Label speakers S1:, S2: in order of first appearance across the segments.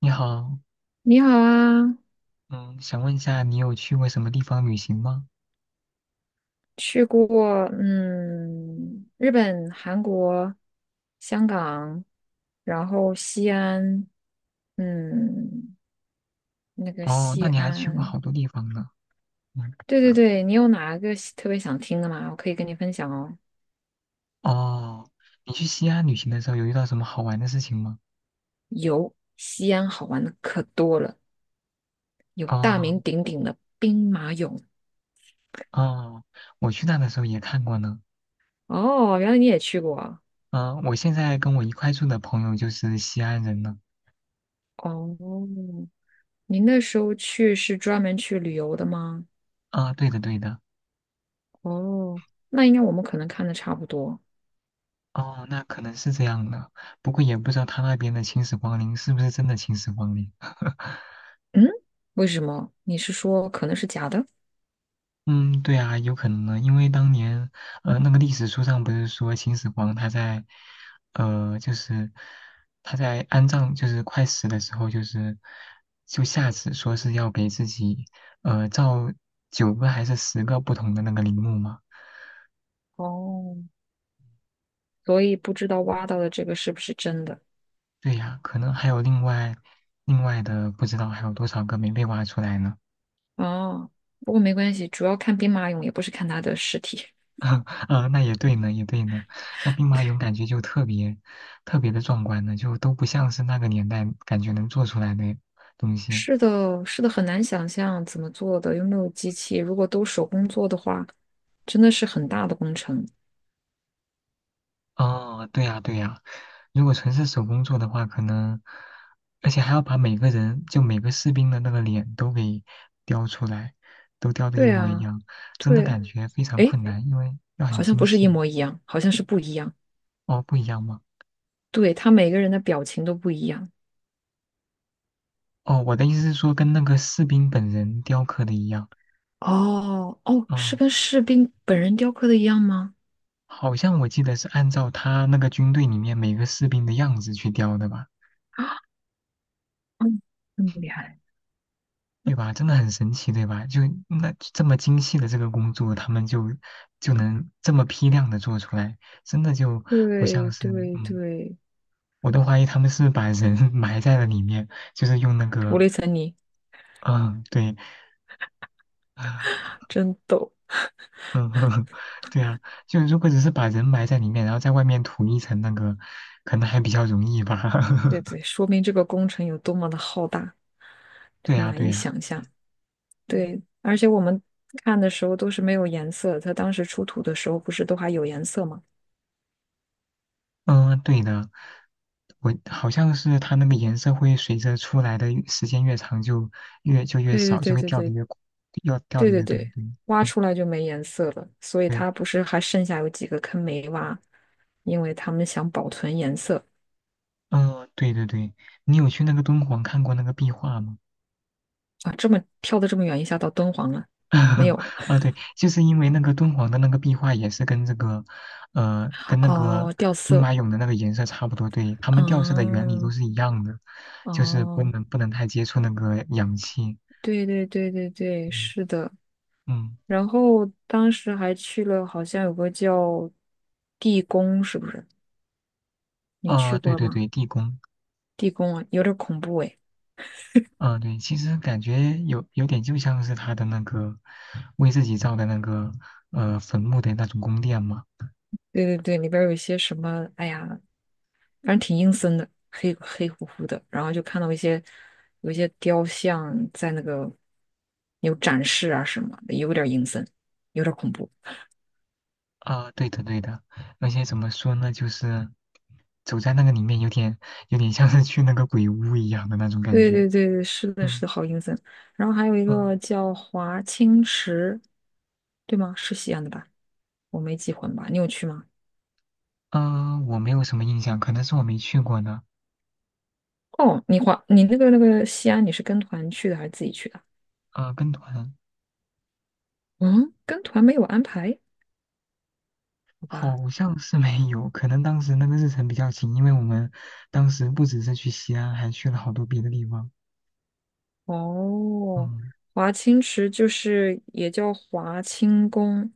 S1: 你好，
S2: 你好啊。
S1: 嗯，想问一下，你有去过什么地方旅行吗？
S2: 去过日本、韩国、香港，然后西安，嗯，那个
S1: 哦，那
S2: 西
S1: 你还去过
S2: 安。
S1: 好多地方呢。嗯，
S2: 对对对，你有哪个喜特别想听的吗？我可以跟你分享哦。
S1: 哦，你去西安旅行的时候有遇到什么好玩的事情吗？
S2: 有，西安好玩的可多了，有大
S1: 哦，
S2: 名鼎鼎的兵马俑。
S1: 哦，我去那的时候也看过呢。
S2: 哦，原来你也去过啊。
S1: 嗯、我现在跟我一块住的朋友就是西安人呢。
S2: 哦，您那时候去是专门去旅游的吗？
S1: 啊、对的，对的。
S2: 哦，那应该我们可能看的差不多。
S1: 哦，那可能是这样的，不过也不知道他那边的秦始皇陵是不是真的秦始皇陵。
S2: 嗯，为什么？你是说可能是假的？
S1: 嗯，对啊，有可能呢，因为当年，那个历史书上不是说秦始皇他在，呃，就是他在安葬，就是快死的时候，就是就下旨说是要给自己，造九个还是十个不同的那个陵墓嘛？
S2: 哦，所以不知道挖到的这个是不是真的？
S1: 对呀，可能还有另外另外的不知道还有多少个没被挖出来呢。
S2: 哦，不过没关系，主要看兵马俑，也不是看他的尸体。
S1: 啊，那也对呢，也对呢。那兵马俑 感觉就特别特别的壮观呢，就都不像是那个年代感觉能做出来的东西。
S2: 是的，是的，很难想象怎么做的，又没有机器。如果都手工做的话，真的是很大的工程。
S1: 哦，对呀，对呀。如果纯是手工做的话，可能而且还要把每个人就每个士兵的那个脸都给雕出来，都雕的一
S2: 对
S1: 模一
S2: 啊，
S1: 样，真的
S2: 对。
S1: 感觉非常
S2: 诶，
S1: 困难，因为要很
S2: 好像
S1: 精
S2: 不是一
S1: 细。
S2: 模一样，好像是不一样。
S1: 哦，不一样吗？
S2: 对，他每个人的表情都不一样。
S1: 哦，我的意思是说跟那个士兵本人雕刻的一样。
S2: 哦哦，是
S1: 嗯。
S2: 跟士兵本人雕刻的一样吗？
S1: 好像我记得是按照他那个军队里面每个士兵的样子去雕的吧，
S2: 嗯，这么厉害。
S1: 对吧？真的很神奇，对吧？就那这么精细的这个工作，他们就能这么批量的做出来，真的就不
S2: 对
S1: 像是，
S2: 对对，
S1: 我都怀疑他们是把人 埋在了里面，就是用那
S2: 涂
S1: 个，
S2: 了一层泥。
S1: 嗯，对，啊
S2: 真逗。
S1: 嗯，对啊，就如果只是把人埋在里面，然后在外面涂一层那个，可能还比较容易吧。
S2: 对 对，说明这个工程有多么的浩大，
S1: 对呀，
S2: 难
S1: 对
S2: 以
S1: 呀。
S2: 想象。对，而且我们看的时候都是没有颜色，它当时出土的时候不是都还有颜色吗？
S1: 嗯，对的，我好像是它那个颜色会随着出来的越时间越长就越就越
S2: 对
S1: 少，就
S2: 对
S1: 会
S2: 对
S1: 掉的
S2: 对
S1: 越快要掉
S2: 对
S1: 的
S2: 对
S1: 越多。
S2: 对对，
S1: 对，
S2: 挖
S1: 嗯，
S2: 出来就没颜色了，所以它不是还剩下有几个坑没挖，因为他们想保存颜色
S1: 嗯，对对对，你有去那个敦煌看过那个壁画吗？
S2: 啊。这么跳的这么远，一下到敦煌了。没 有。
S1: 啊，对，就是因为那个敦煌的那个壁画也是跟这个，跟那个
S2: 哦，掉
S1: 兵
S2: 色。
S1: 马俑的那个颜色差不多，对，它们掉色的原理都
S2: 嗯，
S1: 是一样的，就是
S2: 哦。
S1: 不能太接触那个氧气。
S2: 对对对对对，
S1: 嗯
S2: 是的。
S1: 嗯，
S2: 然后当时还去了，好像有个叫地宫，是不是？你去
S1: 啊，对
S2: 过
S1: 对
S2: 吗？
S1: 对，地宫。
S2: 地宫啊，有点恐怖哎。
S1: 啊，对，其实感觉有点就像是他的那个为自己造的那个坟墓的那种宫殿嘛。
S2: 对对对，里边有一些什么，哎呀，反正挺阴森的，黑黑乎乎的。然后就看到一些雕像在那个有展示啊什么的，有点阴森，有点恐怖。
S1: 啊，对的对的，而且怎么说呢，就是走在那个里面有点像是去那个鬼屋一样的那种感
S2: 对
S1: 觉。
S2: 对对对，是的，是
S1: 嗯
S2: 的，好阴森。然后还有一
S1: 嗯
S2: 个叫华清池，对吗？是西安的吧？我没记混吧？你有去吗？
S1: 嗯，我没有什么印象，可能是我没去过呢。
S2: 哦，你华，你那个那个西安，你是跟团去的还是自己去的？
S1: 啊，跟团
S2: 嗯，跟团没有安排，好吧。
S1: 好像是没有，可能当时那个日程比较紧，因为我们当时不只是去西安，还去了好多别的地方。
S2: 哦，
S1: 嗯。
S2: 华清池就是也叫华清宫，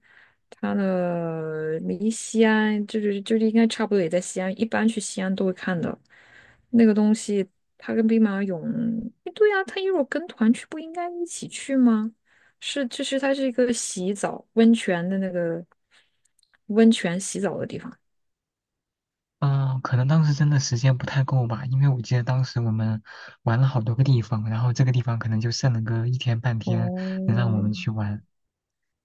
S2: 它的离西安应该差不多也在西安，一般去西安都会看的。那个东西，它跟兵马俑，诶对呀、啊，它如果跟团去，不应该一起去吗？是，就是它是一个洗澡温泉的那个温泉洗澡的地方。
S1: 嗯，可能当时真的时间不太够吧，因为我记得当时我们玩了好多个地方，然后这个地方可能就剩了个一天半天能让我
S2: 哦，
S1: 们去玩。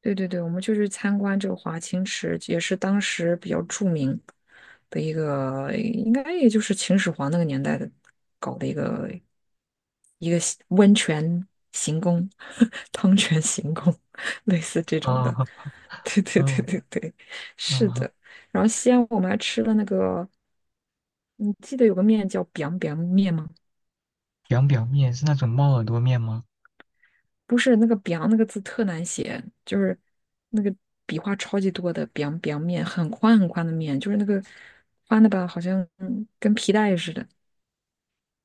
S2: 对对对，我们就去参观这个华清池，也是当时比较著名的一个，应该也就是秦始皇那个年代的搞的一个洗温泉行宫、汤泉行宫，类似这种的。
S1: 啊
S2: 对对
S1: 嗯
S2: 对对对，是
S1: 嗯，
S2: 的。然后西安我们还吃了那个，你记得有个面叫 biang biang 面吗？
S1: 凉表面是那种猫耳朵面吗？
S2: 不是那个 b 那个字特难写，就是那个笔画超级多的 b i 面”，很宽很宽的面，就是那个宽的吧，好像跟皮带似的。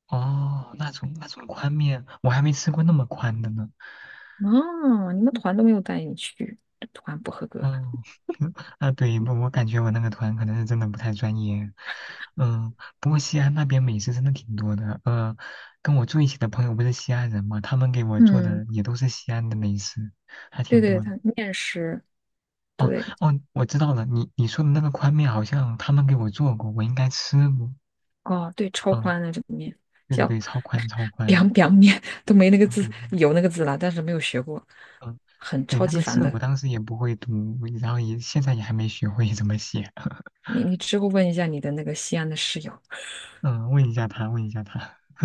S1: 哦，那种那种宽面，我还没吃过那么宽的呢。
S2: 哦，你们团都没有带你去，这团不合格。
S1: 嗯，啊对，我感觉我那个团可能是真的不太专业。嗯，不过西安那边美食真的挺多的。跟我住一起的朋友不是西安人嘛，他们给我做
S2: 嗯，
S1: 的也都是西安的美食，还
S2: 对
S1: 挺多
S2: 对，
S1: 的。
S2: 它面食，
S1: 哦
S2: 对。
S1: 哦，我知道了，你说的那个宽面好像他们给我做过，我应该吃过。
S2: 哦，对，超
S1: 嗯，
S2: 宽的这个面
S1: 对对
S2: 叫
S1: 对，超宽超
S2: b i
S1: 宽，
S2: a 面”，都没那个
S1: 当
S2: 字，
S1: 表面。
S2: 有那个字了，但是没有学过，
S1: 嗯，
S2: 很
S1: 对，
S2: 超
S1: 那
S2: 级
S1: 个
S2: 烦
S1: 字我
S2: 的。
S1: 当时也不会读，然后也现在也还没学会怎么写。
S2: 你之后问一下你的那个西安的室友。
S1: 嗯，问一下他，问一下他。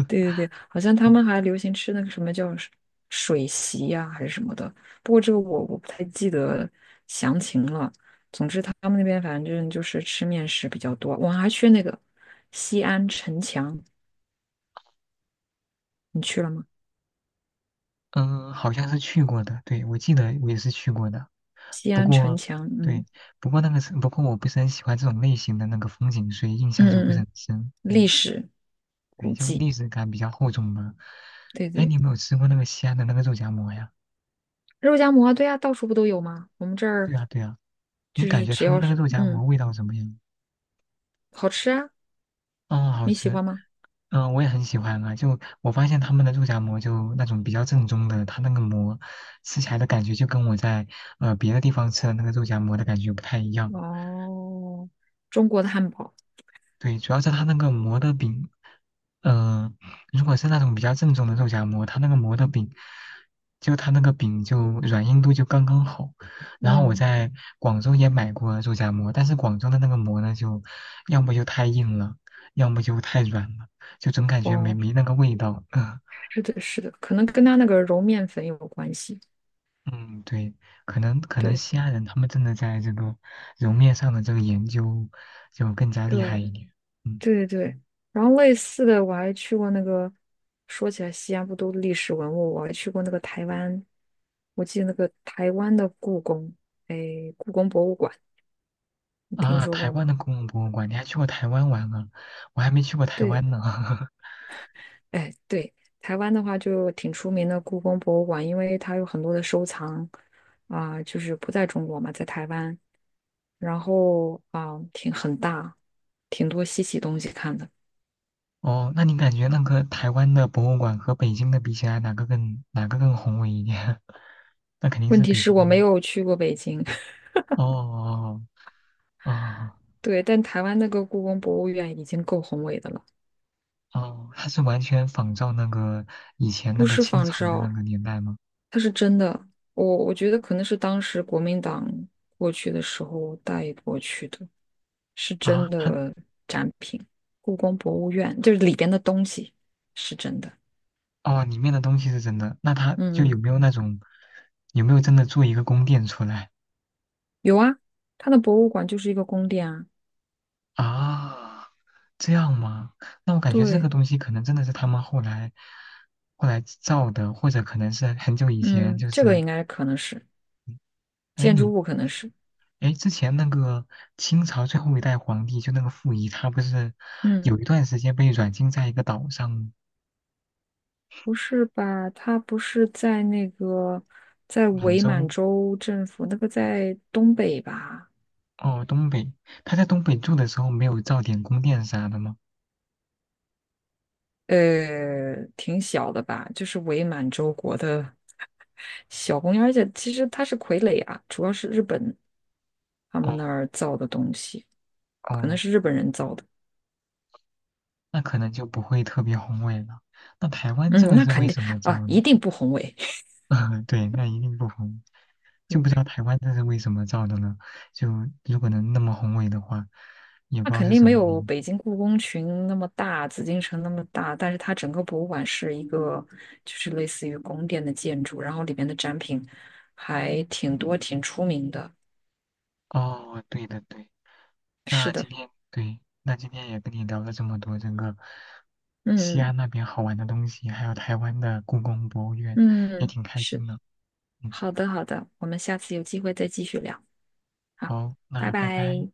S2: 对对对，好像他
S1: 嗯。
S2: 们还流行吃那个什么叫水席呀、还是什么的。不过这个我不太记得详情了。总之他们那边反正就是吃面食比较多。我还去那个西安城墙，你去了吗？
S1: 嗯，好像是去过的，对，我记得我也是去过的。
S2: 西
S1: 不
S2: 安城
S1: 过，
S2: 墙，
S1: 对，
S2: 嗯
S1: 不过我不是很喜欢这种类型的那个风景，所以印
S2: 嗯
S1: 象就不
S2: 嗯
S1: 是很
S2: 嗯，
S1: 深。
S2: 历
S1: 嗯，
S2: 史
S1: 对，
S2: 古
S1: 就
S2: 迹，
S1: 历史感比较厚重吧。
S2: 对
S1: 哎，
S2: 对。
S1: 你有没有吃过那个西安的那个肉夹馍呀？
S2: 肉夹馍，对呀、到处不都有吗？我们这儿
S1: 对啊，对啊，你
S2: 就
S1: 感
S2: 是
S1: 觉
S2: 只
S1: 他们
S2: 要
S1: 那个
S2: 是
S1: 肉夹馍味道怎么样？
S2: 好吃啊，
S1: 哦，好
S2: 你喜
S1: 吃。
S2: 欢吗？
S1: 嗯，我也很喜欢啊。就我发现他们的肉夹馍，就那种比较正宗的，它那个馍吃起来的感觉就跟我在别的地方吃的那个肉夹馍的感觉不太一样。
S2: 哦，中国的汉堡。
S1: 对，主要是它那个馍的饼，嗯，如果是那种比较正宗的肉夹馍，它那个馍的饼，就它那个饼就软硬度就刚刚好。然后我
S2: 嗯。
S1: 在广州也买过肉夹馍，但是广州的那个馍呢，就要么就太硬了，要么就太软了，就总感觉
S2: 哦。
S1: 没那个味道。嗯
S2: 是的，是的，可能跟他那个揉面粉有关系。
S1: 嗯，对，可能
S2: 对，
S1: 西安人他们真的在这个揉面上的这个研究就更加厉害
S2: 对，
S1: 一点。嗯。
S2: 对对对。然后类似的，我还去过那个，说起来西安不都历史文物，我还去过那个台湾，我记得那个台湾的故宫，哎，故宫博物馆，你听
S1: 啊，
S2: 说
S1: 台
S2: 过
S1: 湾
S2: 吗？
S1: 的公共博物馆，你还去过台湾玩啊？我还没去过台
S2: 对，
S1: 湾呢。
S2: 哎，对，台湾的话就挺出名的故宫博物馆，因为它有很多的收藏啊、就是不在中国嘛，在台湾，然后啊、挺很大，挺多稀奇东西看的。
S1: 哦，那你感觉那个台湾的博物馆和北京的比起来，哪个更宏伟一点？那肯定
S2: 问
S1: 是
S2: 题
S1: 北
S2: 是
S1: 京的
S2: 我
S1: 嘛。
S2: 没有去过北京。
S1: 哦哦哦，
S2: 对，但台湾那个故宫博物院已经够宏伟的了，
S1: 哦它是完全仿照那个以前那
S2: 不
S1: 个
S2: 是
S1: 清
S2: 仿
S1: 朝的那
S2: 照，
S1: 个年代吗？
S2: 它是真的。我觉得可能是当时国民党过去的时候带过去的，是
S1: 啊，
S2: 真
S1: 它
S2: 的展品。故宫博物院就是里边的东西是真的。
S1: 哦，里面的东西是真的，那它就
S2: 嗯
S1: 有
S2: 嗯，
S1: 没有那种有没有真的做一个宫殿出来？
S2: 有啊，它的博物馆就是一个宫殿啊。
S1: 啊，这样吗？那我感觉这个
S2: 对，
S1: 东西可能真的是他们后来后来造的，或者可能是很久以前，
S2: 嗯，
S1: 就
S2: 这个
S1: 是
S2: 应该可能是
S1: 哎
S2: 建
S1: 你
S2: 筑物，可能是。
S1: 哎之前那个清朝最后一代皇帝就那个溥仪，他不是
S2: 嗯。
S1: 有一段时间被软禁在一个岛上吗
S2: 不是吧？他不是在那个在
S1: 满
S2: 伪满
S1: 洲
S2: 洲政府那个在东北吧？
S1: 哦东北，他在东北住的时候没有造点宫殿啥的吗？
S2: 呃，挺小的吧？就是伪满洲国的 小公园，而且其实它是傀儡啊，主要是日本他
S1: 哦
S2: 们那儿造的东西，可能
S1: 哦，
S2: 是日本人造的。
S1: 那可能就不会特别宏伟了。那台湾这
S2: 嗯，
S1: 个
S2: 那
S1: 是
S2: 肯
S1: 为
S2: 定
S1: 什么造
S2: 啊，
S1: 呢？
S2: 一定不宏伟。
S1: 啊，对，那一定不红，就不知道 台湾这是为什么造的呢？就如果能那么宏伟的话，也不
S2: 那
S1: 知道
S2: 肯
S1: 是
S2: 定
S1: 什
S2: 没
S1: 么原
S2: 有
S1: 因。
S2: 北京故宫群那么大，紫禁城那么大，但是它整个博物馆是一个，就是类似于宫殿的建筑，然后里面的展品还挺多，挺出名的。
S1: 哦，对的对，
S2: 是
S1: 那
S2: 的，
S1: 今天对，那今天也跟你聊了这么多整个西
S2: 嗯
S1: 安那边好玩的东西，还有台湾的故宫博物院，也
S2: 嗯，
S1: 挺开
S2: 是，
S1: 心的。嗯，
S2: 好的好的，我们下次有机会再继续聊，好，
S1: 好，
S2: 拜
S1: 那拜拜。
S2: 拜。